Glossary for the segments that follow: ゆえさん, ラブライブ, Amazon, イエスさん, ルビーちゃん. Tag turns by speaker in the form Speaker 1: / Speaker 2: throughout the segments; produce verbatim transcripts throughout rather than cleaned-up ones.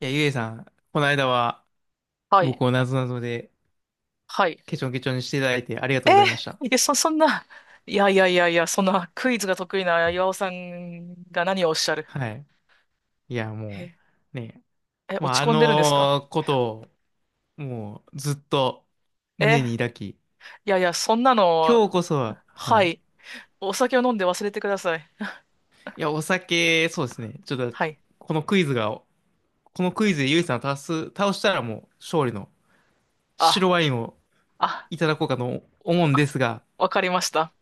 Speaker 1: いや、ゆえさん、この間は
Speaker 2: はい。
Speaker 1: 僕をなぞなぞで
Speaker 2: はい。
Speaker 1: ケチョンケチョンにしていただいてありがと
Speaker 2: え
Speaker 1: うございました。
Speaker 2: ー、いや、そ、そんな、いやいやいやいや、そんなクイズが得意な岩尾さんが何をおっしゃる。
Speaker 1: はい。いや、
Speaker 2: え、
Speaker 1: もう、ね、
Speaker 2: え
Speaker 1: ま
Speaker 2: 落
Speaker 1: あ、
Speaker 2: ち
Speaker 1: あ
Speaker 2: 込んでるんですか？
Speaker 1: のことを、もう、ずっと胸
Speaker 2: え、
Speaker 1: に抱き、
Speaker 2: いやいや、そんなの、
Speaker 1: 今日こそは、は
Speaker 2: は
Speaker 1: い。
Speaker 2: い。お酒を飲んで忘れてください。
Speaker 1: いや、お酒、そうですね。ちょっと、
Speaker 2: はい。
Speaker 1: このクイズが、このクイズでゆえさんを倒す、倒したらもう、勝利の白
Speaker 2: あ、
Speaker 1: ワインを
Speaker 2: あ、
Speaker 1: いただこうかと思うんで
Speaker 2: あ
Speaker 1: すが、
Speaker 2: わかりました。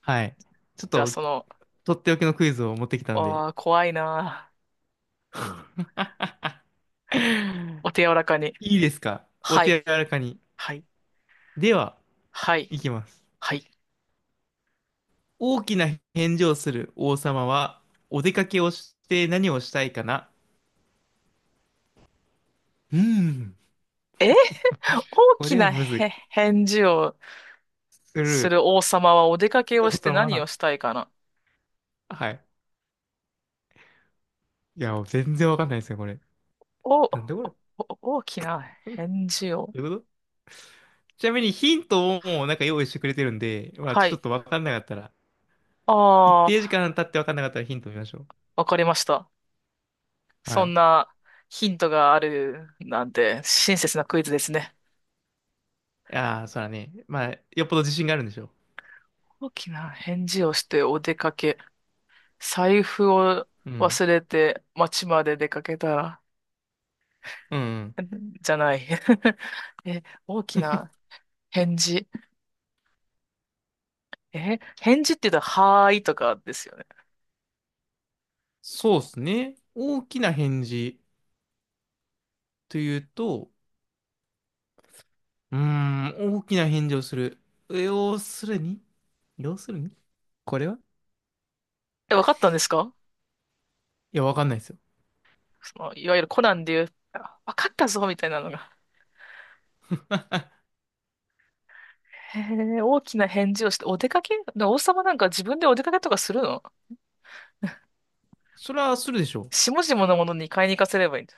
Speaker 1: はい。ちょっ
Speaker 2: じゃあ、
Speaker 1: と、
Speaker 2: その、
Speaker 1: とっておきのクイズを持ってきたんで、
Speaker 2: あー、怖いな。お手柔らかに。
Speaker 1: いいですか？お
Speaker 2: はい。
Speaker 1: 手柔らかに。
Speaker 2: はい。
Speaker 1: では、
Speaker 2: はい。
Speaker 1: いきます。
Speaker 2: はい。
Speaker 1: 大きな返事をする王様は、お出かけをして何をしたいかな？うーん、
Speaker 2: え大
Speaker 1: こ
Speaker 2: き
Speaker 1: れは
Speaker 2: な
Speaker 1: むず
Speaker 2: へ
Speaker 1: い。
Speaker 2: 返事を
Speaker 1: す
Speaker 2: す
Speaker 1: る。
Speaker 2: る王様はお出かけを
Speaker 1: 王
Speaker 2: して
Speaker 1: 様
Speaker 2: 何を
Speaker 1: は、
Speaker 2: したいかな？
Speaker 1: はい。いや、全然わかんないですね、これ。
Speaker 2: お、お
Speaker 1: なんでこれど
Speaker 2: 大きな返事を。
Speaker 1: ういうこと？ちなみにヒントをもうなんか用意してくれてるんで、まあ
Speaker 2: は
Speaker 1: ちょっ
Speaker 2: い。
Speaker 1: とわかんなかったら、一
Speaker 2: あ
Speaker 1: 定時
Speaker 2: あ、
Speaker 1: 間経ってわかんなかったらヒント見ましょう。
Speaker 2: わかりました。
Speaker 1: は
Speaker 2: そん
Speaker 1: い。
Speaker 2: なヒントがあるなんて親切なクイズですね。
Speaker 1: いやー、そらね。まあ、よっぽど自信があるんでしょ
Speaker 2: 大きな返事をしてお出かけ。財布を
Speaker 1: う。うん。
Speaker 2: 忘れて街まで出かけたら、
Speaker 1: うんうん。
Speaker 2: じゃない。え、大きな返事。え、返事って言うと、はーいとかですよね。
Speaker 1: そうっすね。大きな返事というと、うーん、大きな返事をする。要するに要するにこれは、
Speaker 2: え、わかったんですか？
Speaker 1: いや、わかんないですよ。
Speaker 2: その、いわゆるコナンで言う、あわかったぞみたいなのが。へえ、大きな返事をして、お出かけで王様なんか自分でお出かけとかするの？
Speaker 1: それはするでしょう。
Speaker 2: 下々のものに買いに行かせればいいんだ。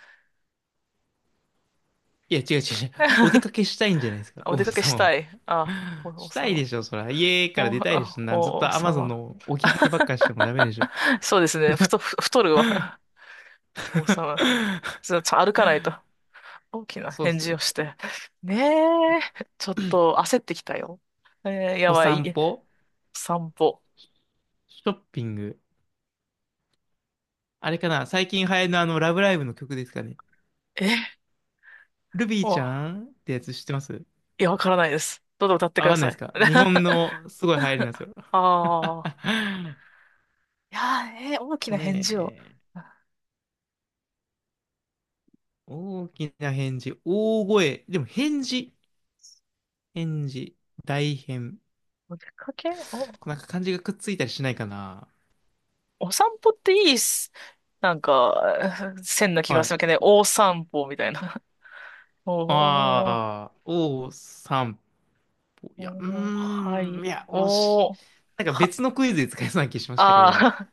Speaker 1: いや、違う違う違う。お出 かけしたいんじゃないですか、
Speaker 2: あお
Speaker 1: 王子
Speaker 2: 出かけし
Speaker 1: 様も。
Speaker 2: たい。あ、お 王
Speaker 1: したい
Speaker 2: 様。
Speaker 1: でしょ、そら。家から
Speaker 2: お、
Speaker 1: 出たいでし
Speaker 2: あ
Speaker 1: ょ。な、ずっ
Speaker 2: お
Speaker 1: と
Speaker 2: 王
Speaker 1: Amazon
Speaker 2: 様。
Speaker 1: の置き配ばっかして もダメでしょ。
Speaker 2: そうですね。太、ふ太るわ。王様。ちょっと歩かないと。大きな
Speaker 1: そうっ
Speaker 2: 返
Speaker 1: す
Speaker 2: 事を
Speaker 1: よ。
Speaker 2: して。ねえ。ちょっと焦ってきたよ。えーや
Speaker 1: お
Speaker 2: ば
Speaker 1: 散
Speaker 2: い。
Speaker 1: 歩、
Speaker 2: 散歩。
Speaker 1: シショッピング。あれかな、最近流行りのあの、ラブライブの曲ですかね。
Speaker 2: え、
Speaker 1: ルビーち
Speaker 2: お、
Speaker 1: ゃ
Speaker 2: い
Speaker 1: んってやつ知ってます？
Speaker 2: や、わからないです。どうぞ歌ってく
Speaker 1: わ
Speaker 2: だ
Speaker 1: かんない
Speaker 2: さ
Speaker 1: です
Speaker 2: い。
Speaker 1: か？日本 のすごい流行りなんですよ。
Speaker 2: あ あ。いやー、えー大き
Speaker 1: と
Speaker 2: な返事を。
Speaker 1: ね、大きな返事、大声、でも返事、返事、大変。
Speaker 2: お出かけお、
Speaker 1: なんか漢字がくっついたりしないかな。
Speaker 2: お散歩っていいっす。なんか、線な気
Speaker 1: は
Speaker 2: がす
Speaker 1: い。
Speaker 2: るけどね。お散歩みたいな。おー、
Speaker 1: ああ、お散歩。いや、う
Speaker 2: おー、は
Speaker 1: ー
Speaker 2: い。
Speaker 1: ん、いや、惜しい。
Speaker 2: おー、
Speaker 1: なんか
Speaker 2: は、
Speaker 1: 別のクイズで使えそうな気しましたけど。
Speaker 2: あ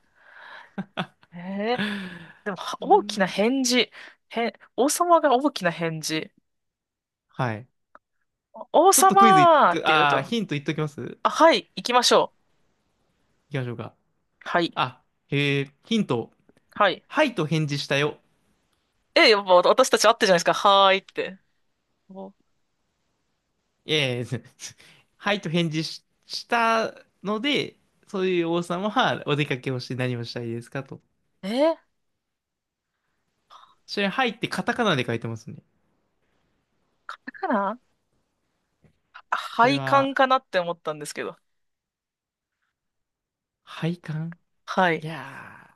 Speaker 2: ー。えー、
Speaker 1: う
Speaker 2: でも、は
Speaker 1: ー
Speaker 2: 大きな
Speaker 1: ん。
Speaker 2: 返事。へん、王様が大きな返事。
Speaker 1: はい。
Speaker 2: 王
Speaker 1: ちょっとクイズいっ
Speaker 2: 様っ
Speaker 1: と、
Speaker 2: て言う
Speaker 1: ああ、
Speaker 2: と、
Speaker 1: ヒント言っときます。
Speaker 2: あ、はい、行きましょ
Speaker 1: いきましょうか。
Speaker 2: う。はい、
Speaker 1: あ、へえ、ヒント。
Speaker 2: はい。
Speaker 1: はいと返事したよ。
Speaker 2: え、やっぱ私たち会ってるじゃないですか。はーいって。お
Speaker 1: ええ はいと返事し、したので、そういう王様はお出かけをして何をしたいですかと。
Speaker 2: えー、
Speaker 1: それ、はいってカタカナで書いてますね。
Speaker 2: だから、
Speaker 1: これ
Speaker 2: 配管
Speaker 1: は、
Speaker 2: かなって思ったんですけど。
Speaker 1: 配管、
Speaker 2: は
Speaker 1: い
Speaker 2: い。
Speaker 1: や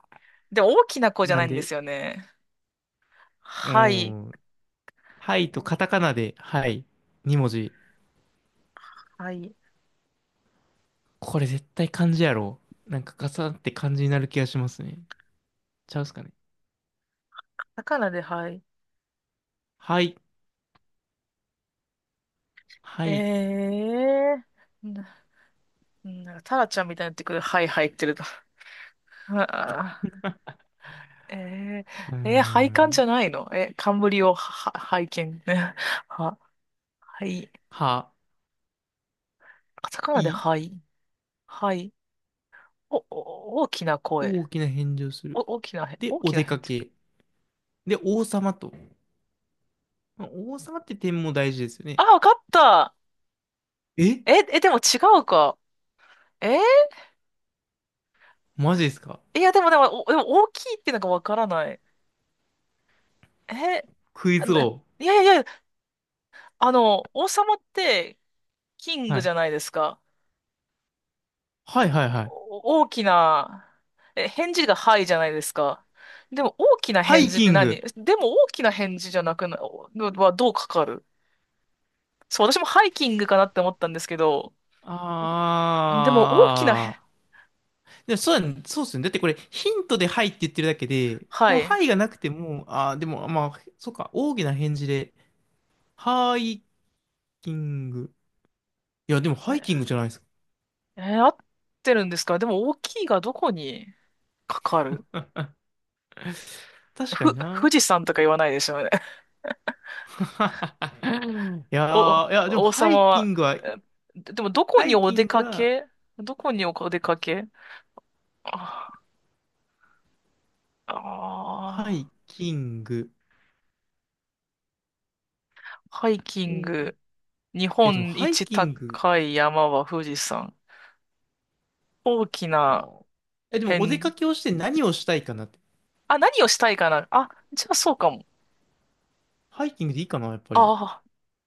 Speaker 2: でも大きな子
Speaker 1: ー、
Speaker 2: じゃ
Speaker 1: な
Speaker 2: な
Speaker 1: ん
Speaker 2: いんで
Speaker 1: で、
Speaker 2: すよね。
Speaker 1: うー
Speaker 2: はい。
Speaker 1: ん。はいとカタカナで、はい。に文字。
Speaker 2: はい。
Speaker 1: これ絶対漢字やろ。なんかガサって漢字になる気がしますね。ちゃうっすかね。
Speaker 2: 魚で、はい。
Speaker 1: はい、は
Speaker 2: え
Speaker 1: い、
Speaker 2: えー。な、なんか、タラちゃんみたいになってくる。はい、入ってると。あーえ
Speaker 1: うー
Speaker 2: ー、えー、配管じ
Speaker 1: ん。
Speaker 2: ゃないのえ、冠を、は、は拝見。は、はい。
Speaker 1: は、
Speaker 2: カタカナで、
Speaker 1: い、
Speaker 2: はい。はい。お、お、大きな声。
Speaker 1: 大きな返事をす
Speaker 2: お、
Speaker 1: る。
Speaker 2: 大きなへ、
Speaker 1: で、
Speaker 2: 大
Speaker 1: お
Speaker 2: きな
Speaker 1: 出か
Speaker 2: へ。
Speaker 1: け。で、王様と。王様って点も大事ですよ
Speaker 2: あ、
Speaker 1: ね。
Speaker 2: わかった。
Speaker 1: え、
Speaker 2: え、え、でも違うか。えー
Speaker 1: マジですか？
Speaker 2: いや、でも、でも、お、でも大きいってなんかわからない。え、
Speaker 1: クイ
Speaker 2: あ
Speaker 1: ズ
Speaker 2: な、
Speaker 1: 王。
Speaker 2: いやいやいや、あの、王様ってキン
Speaker 1: は
Speaker 2: グじ
Speaker 1: い。
Speaker 2: ゃないですか。
Speaker 1: はいはいはい。
Speaker 2: お大きな、え、返事がはいじゃないですか。でも大きな
Speaker 1: ハ
Speaker 2: 返
Speaker 1: イ
Speaker 2: 事っ
Speaker 1: キ
Speaker 2: て
Speaker 1: ン
Speaker 2: 何？
Speaker 1: グ。
Speaker 2: でも大きな返事じゃなくな、おはどうかかる？そう、私もハイキングかなって思ったんですけど、でも大きな
Speaker 1: あ
Speaker 2: へ、
Speaker 1: ー。でもそうだね、そうっすね。だってこれヒントではいって言ってるだけで、こ
Speaker 2: は
Speaker 1: の
Speaker 2: い。
Speaker 1: は
Speaker 2: え、
Speaker 1: いがなくても、あー、でもまあ、そうか、大きな返事で、ハイキング。いや、でもハイキングじゃないですか。
Speaker 2: えー合ってるんですか？でも大きいがどこにかかる？
Speaker 1: 確かに
Speaker 2: ふ、富
Speaker 1: な。
Speaker 2: 士山とか言わないでしょ？
Speaker 1: いや
Speaker 2: お、
Speaker 1: ー、いや、でも
Speaker 2: 王
Speaker 1: ハ
Speaker 2: 様
Speaker 1: イキ
Speaker 2: は、
Speaker 1: ングは、
Speaker 2: えででもどこ
Speaker 1: ハ
Speaker 2: に
Speaker 1: イ
Speaker 2: お
Speaker 1: キ
Speaker 2: 出
Speaker 1: ング
Speaker 2: か
Speaker 1: は、
Speaker 2: け？どこにお出かけ？ああ
Speaker 1: ハイキング。
Speaker 2: ー、ハイキング。日
Speaker 1: や、でも
Speaker 2: 本
Speaker 1: ハイ
Speaker 2: 一
Speaker 1: キング、
Speaker 2: 高い山は富士山。大き
Speaker 1: あ
Speaker 2: な
Speaker 1: ー、え、でもお出
Speaker 2: 変、
Speaker 1: かけをして何をしたいかなって。
Speaker 2: あ、何をしたいかなあ、じゃあそうかも。
Speaker 1: ハイキングでいいかな、やっぱり。
Speaker 2: ああ、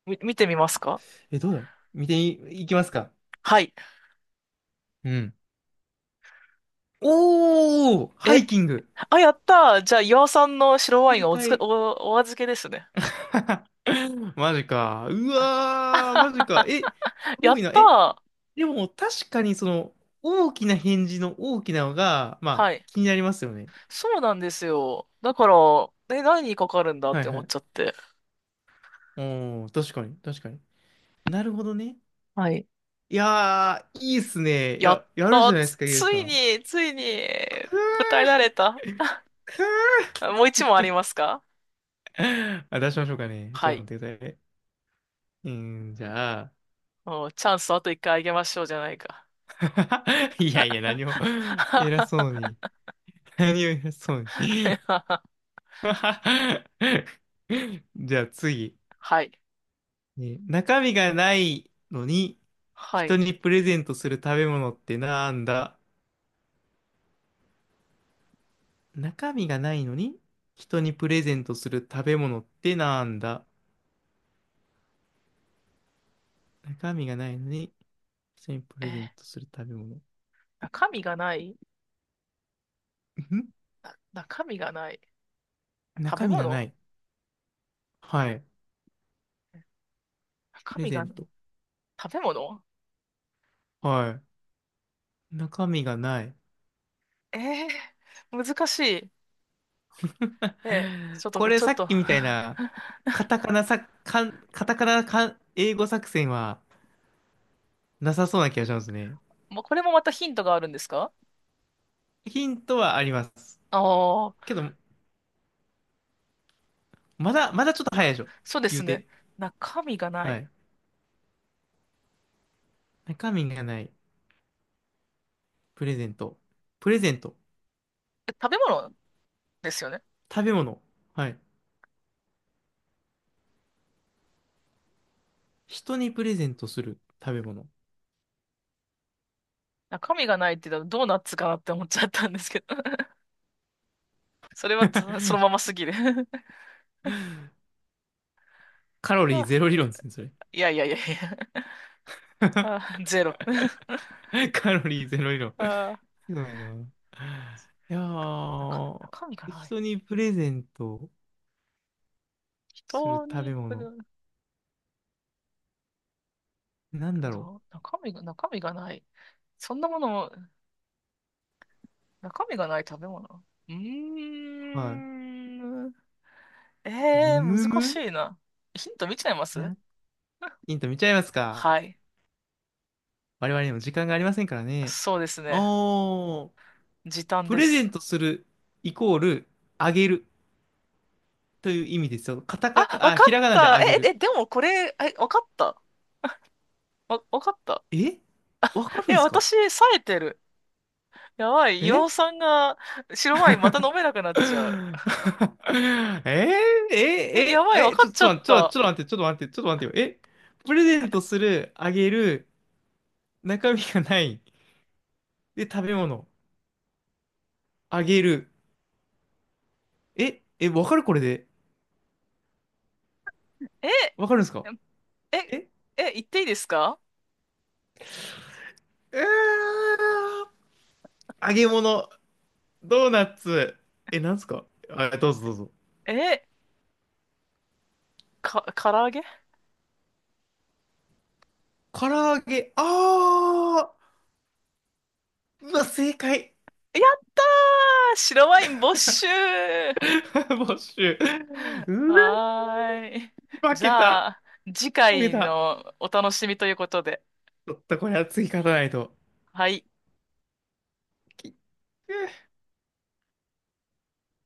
Speaker 2: み、見てみますか？
Speaker 1: え、どうだろう？見てい、いきますか。
Speaker 2: はい。
Speaker 1: うん。おー、ハ
Speaker 2: え、
Speaker 1: イキング。
Speaker 2: あ、やったー。じゃあ、岩尾さんの白ワイン
Speaker 1: 正
Speaker 2: はおつけ、
Speaker 1: 解。
Speaker 2: お、お預けですね。
Speaker 1: マジか。う
Speaker 2: は
Speaker 1: わー、マジか。え、す
Speaker 2: い や
Speaker 1: ご
Speaker 2: っ
Speaker 1: いな。
Speaker 2: た
Speaker 1: え、
Speaker 2: ー。
Speaker 1: でも確かにその、大きな返事の大きなのが、ま
Speaker 2: は
Speaker 1: あ、
Speaker 2: い。
Speaker 1: 気になりますよね。
Speaker 2: そうなんですよ。だから、え、何にかかるんだっ
Speaker 1: はい
Speaker 2: て思
Speaker 1: は
Speaker 2: っちゃっ
Speaker 1: い。
Speaker 2: て。
Speaker 1: おー、確かに、確かに。なるほどね。
Speaker 2: はい。
Speaker 1: いやー、いいっすね。い
Speaker 2: やっ
Speaker 1: や、やるじ
Speaker 2: た
Speaker 1: ゃないで
Speaker 2: つ、
Speaker 1: すか、イエス
Speaker 2: つ
Speaker 1: さ
Speaker 2: い
Speaker 1: ん。
Speaker 2: に、ついに、答えられた。あもういちもんありますか？
Speaker 1: あ、出しましょうかね。ち
Speaker 2: は
Speaker 1: ょっと
Speaker 2: い。
Speaker 1: 待ってくださいね。えーじゃあ、
Speaker 2: うんチャンスあといっかいあげましょうじゃないか。
Speaker 1: いやいや、何を、偉そう に。何を偉そうに。じゃあ次、
Speaker 2: はい。
Speaker 1: ね、中身がないのに、
Speaker 2: は
Speaker 1: 人
Speaker 2: い。
Speaker 1: にプレゼントする食べ物ってなんだ？中身がないのに、人にプレゼントする食べ物ってなんだ？中身がないのに、人にプ
Speaker 2: えー、
Speaker 1: レゼントする食べ物。
Speaker 2: 中身がない
Speaker 1: ん、
Speaker 2: な中身がない。食
Speaker 1: 中
Speaker 2: べ
Speaker 1: 身がな
Speaker 2: 物
Speaker 1: い。はい。プ
Speaker 2: 中
Speaker 1: レ
Speaker 2: 身
Speaker 1: ゼ
Speaker 2: が
Speaker 1: ン
Speaker 2: ない。
Speaker 1: ト。
Speaker 2: 食べ物
Speaker 1: はい。中身がない。
Speaker 2: えー、難しい。えー、ちょっ
Speaker 1: こ
Speaker 2: と、
Speaker 1: れ
Speaker 2: ちょっ
Speaker 1: さっ
Speaker 2: と、
Speaker 1: きみたいな、カタカナさ、かん、カタカナかん、英語作戦はなさそうな気がしますね。
Speaker 2: もうこれもまたヒントがあるんですか？
Speaker 1: ヒントはあります。
Speaker 2: ああ、
Speaker 1: けど、まだ、まだちょっと早いで
Speaker 2: か
Speaker 1: しょ。
Speaker 2: そうで
Speaker 1: 言
Speaker 2: す
Speaker 1: う
Speaker 2: ね。
Speaker 1: て。
Speaker 2: 中身がな
Speaker 1: は
Speaker 2: い。
Speaker 1: い。中身がない。プレゼント。プレゼント。
Speaker 2: え食べ物ですよね。
Speaker 1: 食べ物。はい。人にプレゼントする食べ物。
Speaker 2: 中身がないって言ったらドーナツかなって思っちゃったんですけど。それはつそのまま すぎる。
Speaker 1: カロリー
Speaker 2: あ、
Speaker 1: ゼロ理論ですね、それ。
Speaker 2: いやいやいやいや。あ、ゼロ。
Speaker 1: カロリーゼロ理論。
Speaker 2: あ、
Speaker 1: ひどいな。いや
Speaker 2: 中、
Speaker 1: ー、
Speaker 2: 中身がない。
Speaker 1: 人にプレゼントする
Speaker 2: 人
Speaker 1: 食べ
Speaker 2: に、ぶ
Speaker 1: 物。
Speaker 2: る
Speaker 1: なんだろ
Speaker 2: どう中身が、中身がない。そんなもの、中身がない食べ物。うー
Speaker 1: う。はい。
Speaker 2: ん。え
Speaker 1: むむ
Speaker 2: ー、難し
Speaker 1: む
Speaker 2: いな。ヒント見ちゃいます？
Speaker 1: な、ヒント見ちゃいますか。
Speaker 2: はい。
Speaker 1: 我々にも時間がありませんからね。
Speaker 2: そうですね。
Speaker 1: おー、
Speaker 2: 時短
Speaker 1: プ
Speaker 2: で
Speaker 1: レゼ
Speaker 2: す。
Speaker 1: ントするイコール、あげるという意味ですよ。カタカ、
Speaker 2: あ、わ
Speaker 1: あ、
Speaker 2: か
Speaker 1: ひ
Speaker 2: っ
Speaker 1: らがなで
Speaker 2: た。
Speaker 1: あげ
Speaker 2: え、え、
Speaker 1: る。
Speaker 2: でもこれ、え、わかった。わ、わかった。
Speaker 1: え、わかる
Speaker 2: え、
Speaker 1: んですか？
Speaker 2: 私、冴えてる。やばい。岩
Speaker 1: え
Speaker 2: 尾さんが白ワインまた飲めなくなっ
Speaker 1: え
Speaker 2: ちゃう。
Speaker 1: ー、えー、
Speaker 2: え、や
Speaker 1: え
Speaker 2: ば
Speaker 1: ー、
Speaker 2: い。わ
Speaker 1: え、
Speaker 2: か
Speaker 1: ち
Speaker 2: っ
Speaker 1: ょ、
Speaker 2: ちゃ
Speaker 1: ち
Speaker 2: っ
Speaker 1: ょ、ちょ、
Speaker 2: た。
Speaker 1: ちょっと待って、ちょっと待って、ちょっと待ってよ。え、プレゼントする、あげる、中身がない。で、食べ物、あげる。え、え、わかるこれで。
Speaker 2: え、
Speaker 1: わかるんですか？
Speaker 2: え、
Speaker 1: え、
Speaker 2: え、言っていいですか？
Speaker 1: うー揚げ物、ドーナツ。え、なんすか？あ、どうぞどうぞ。
Speaker 2: え、か、唐揚げ。や
Speaker 1: 唐揚げ、あー、うわ、正解。
Speaker 2: ったー白ワイン没収は
Speaker 1: 没収。う
Speaker 2: ーい。
Speaker 1: わ、負
Speaker 2: じ
Speaker 1: け
Speaker 2: ゃ
Speaker 1: た。
Speaker 2: あ、次
Speaker 1: 負け
Speaker 2: 回
Speaker 1: た。
Speaker 2: のお楽しみということで。
Speaker 1: ちょっとこれは次勝たないと。
Speaker 2: はい。
Speaker 1: で、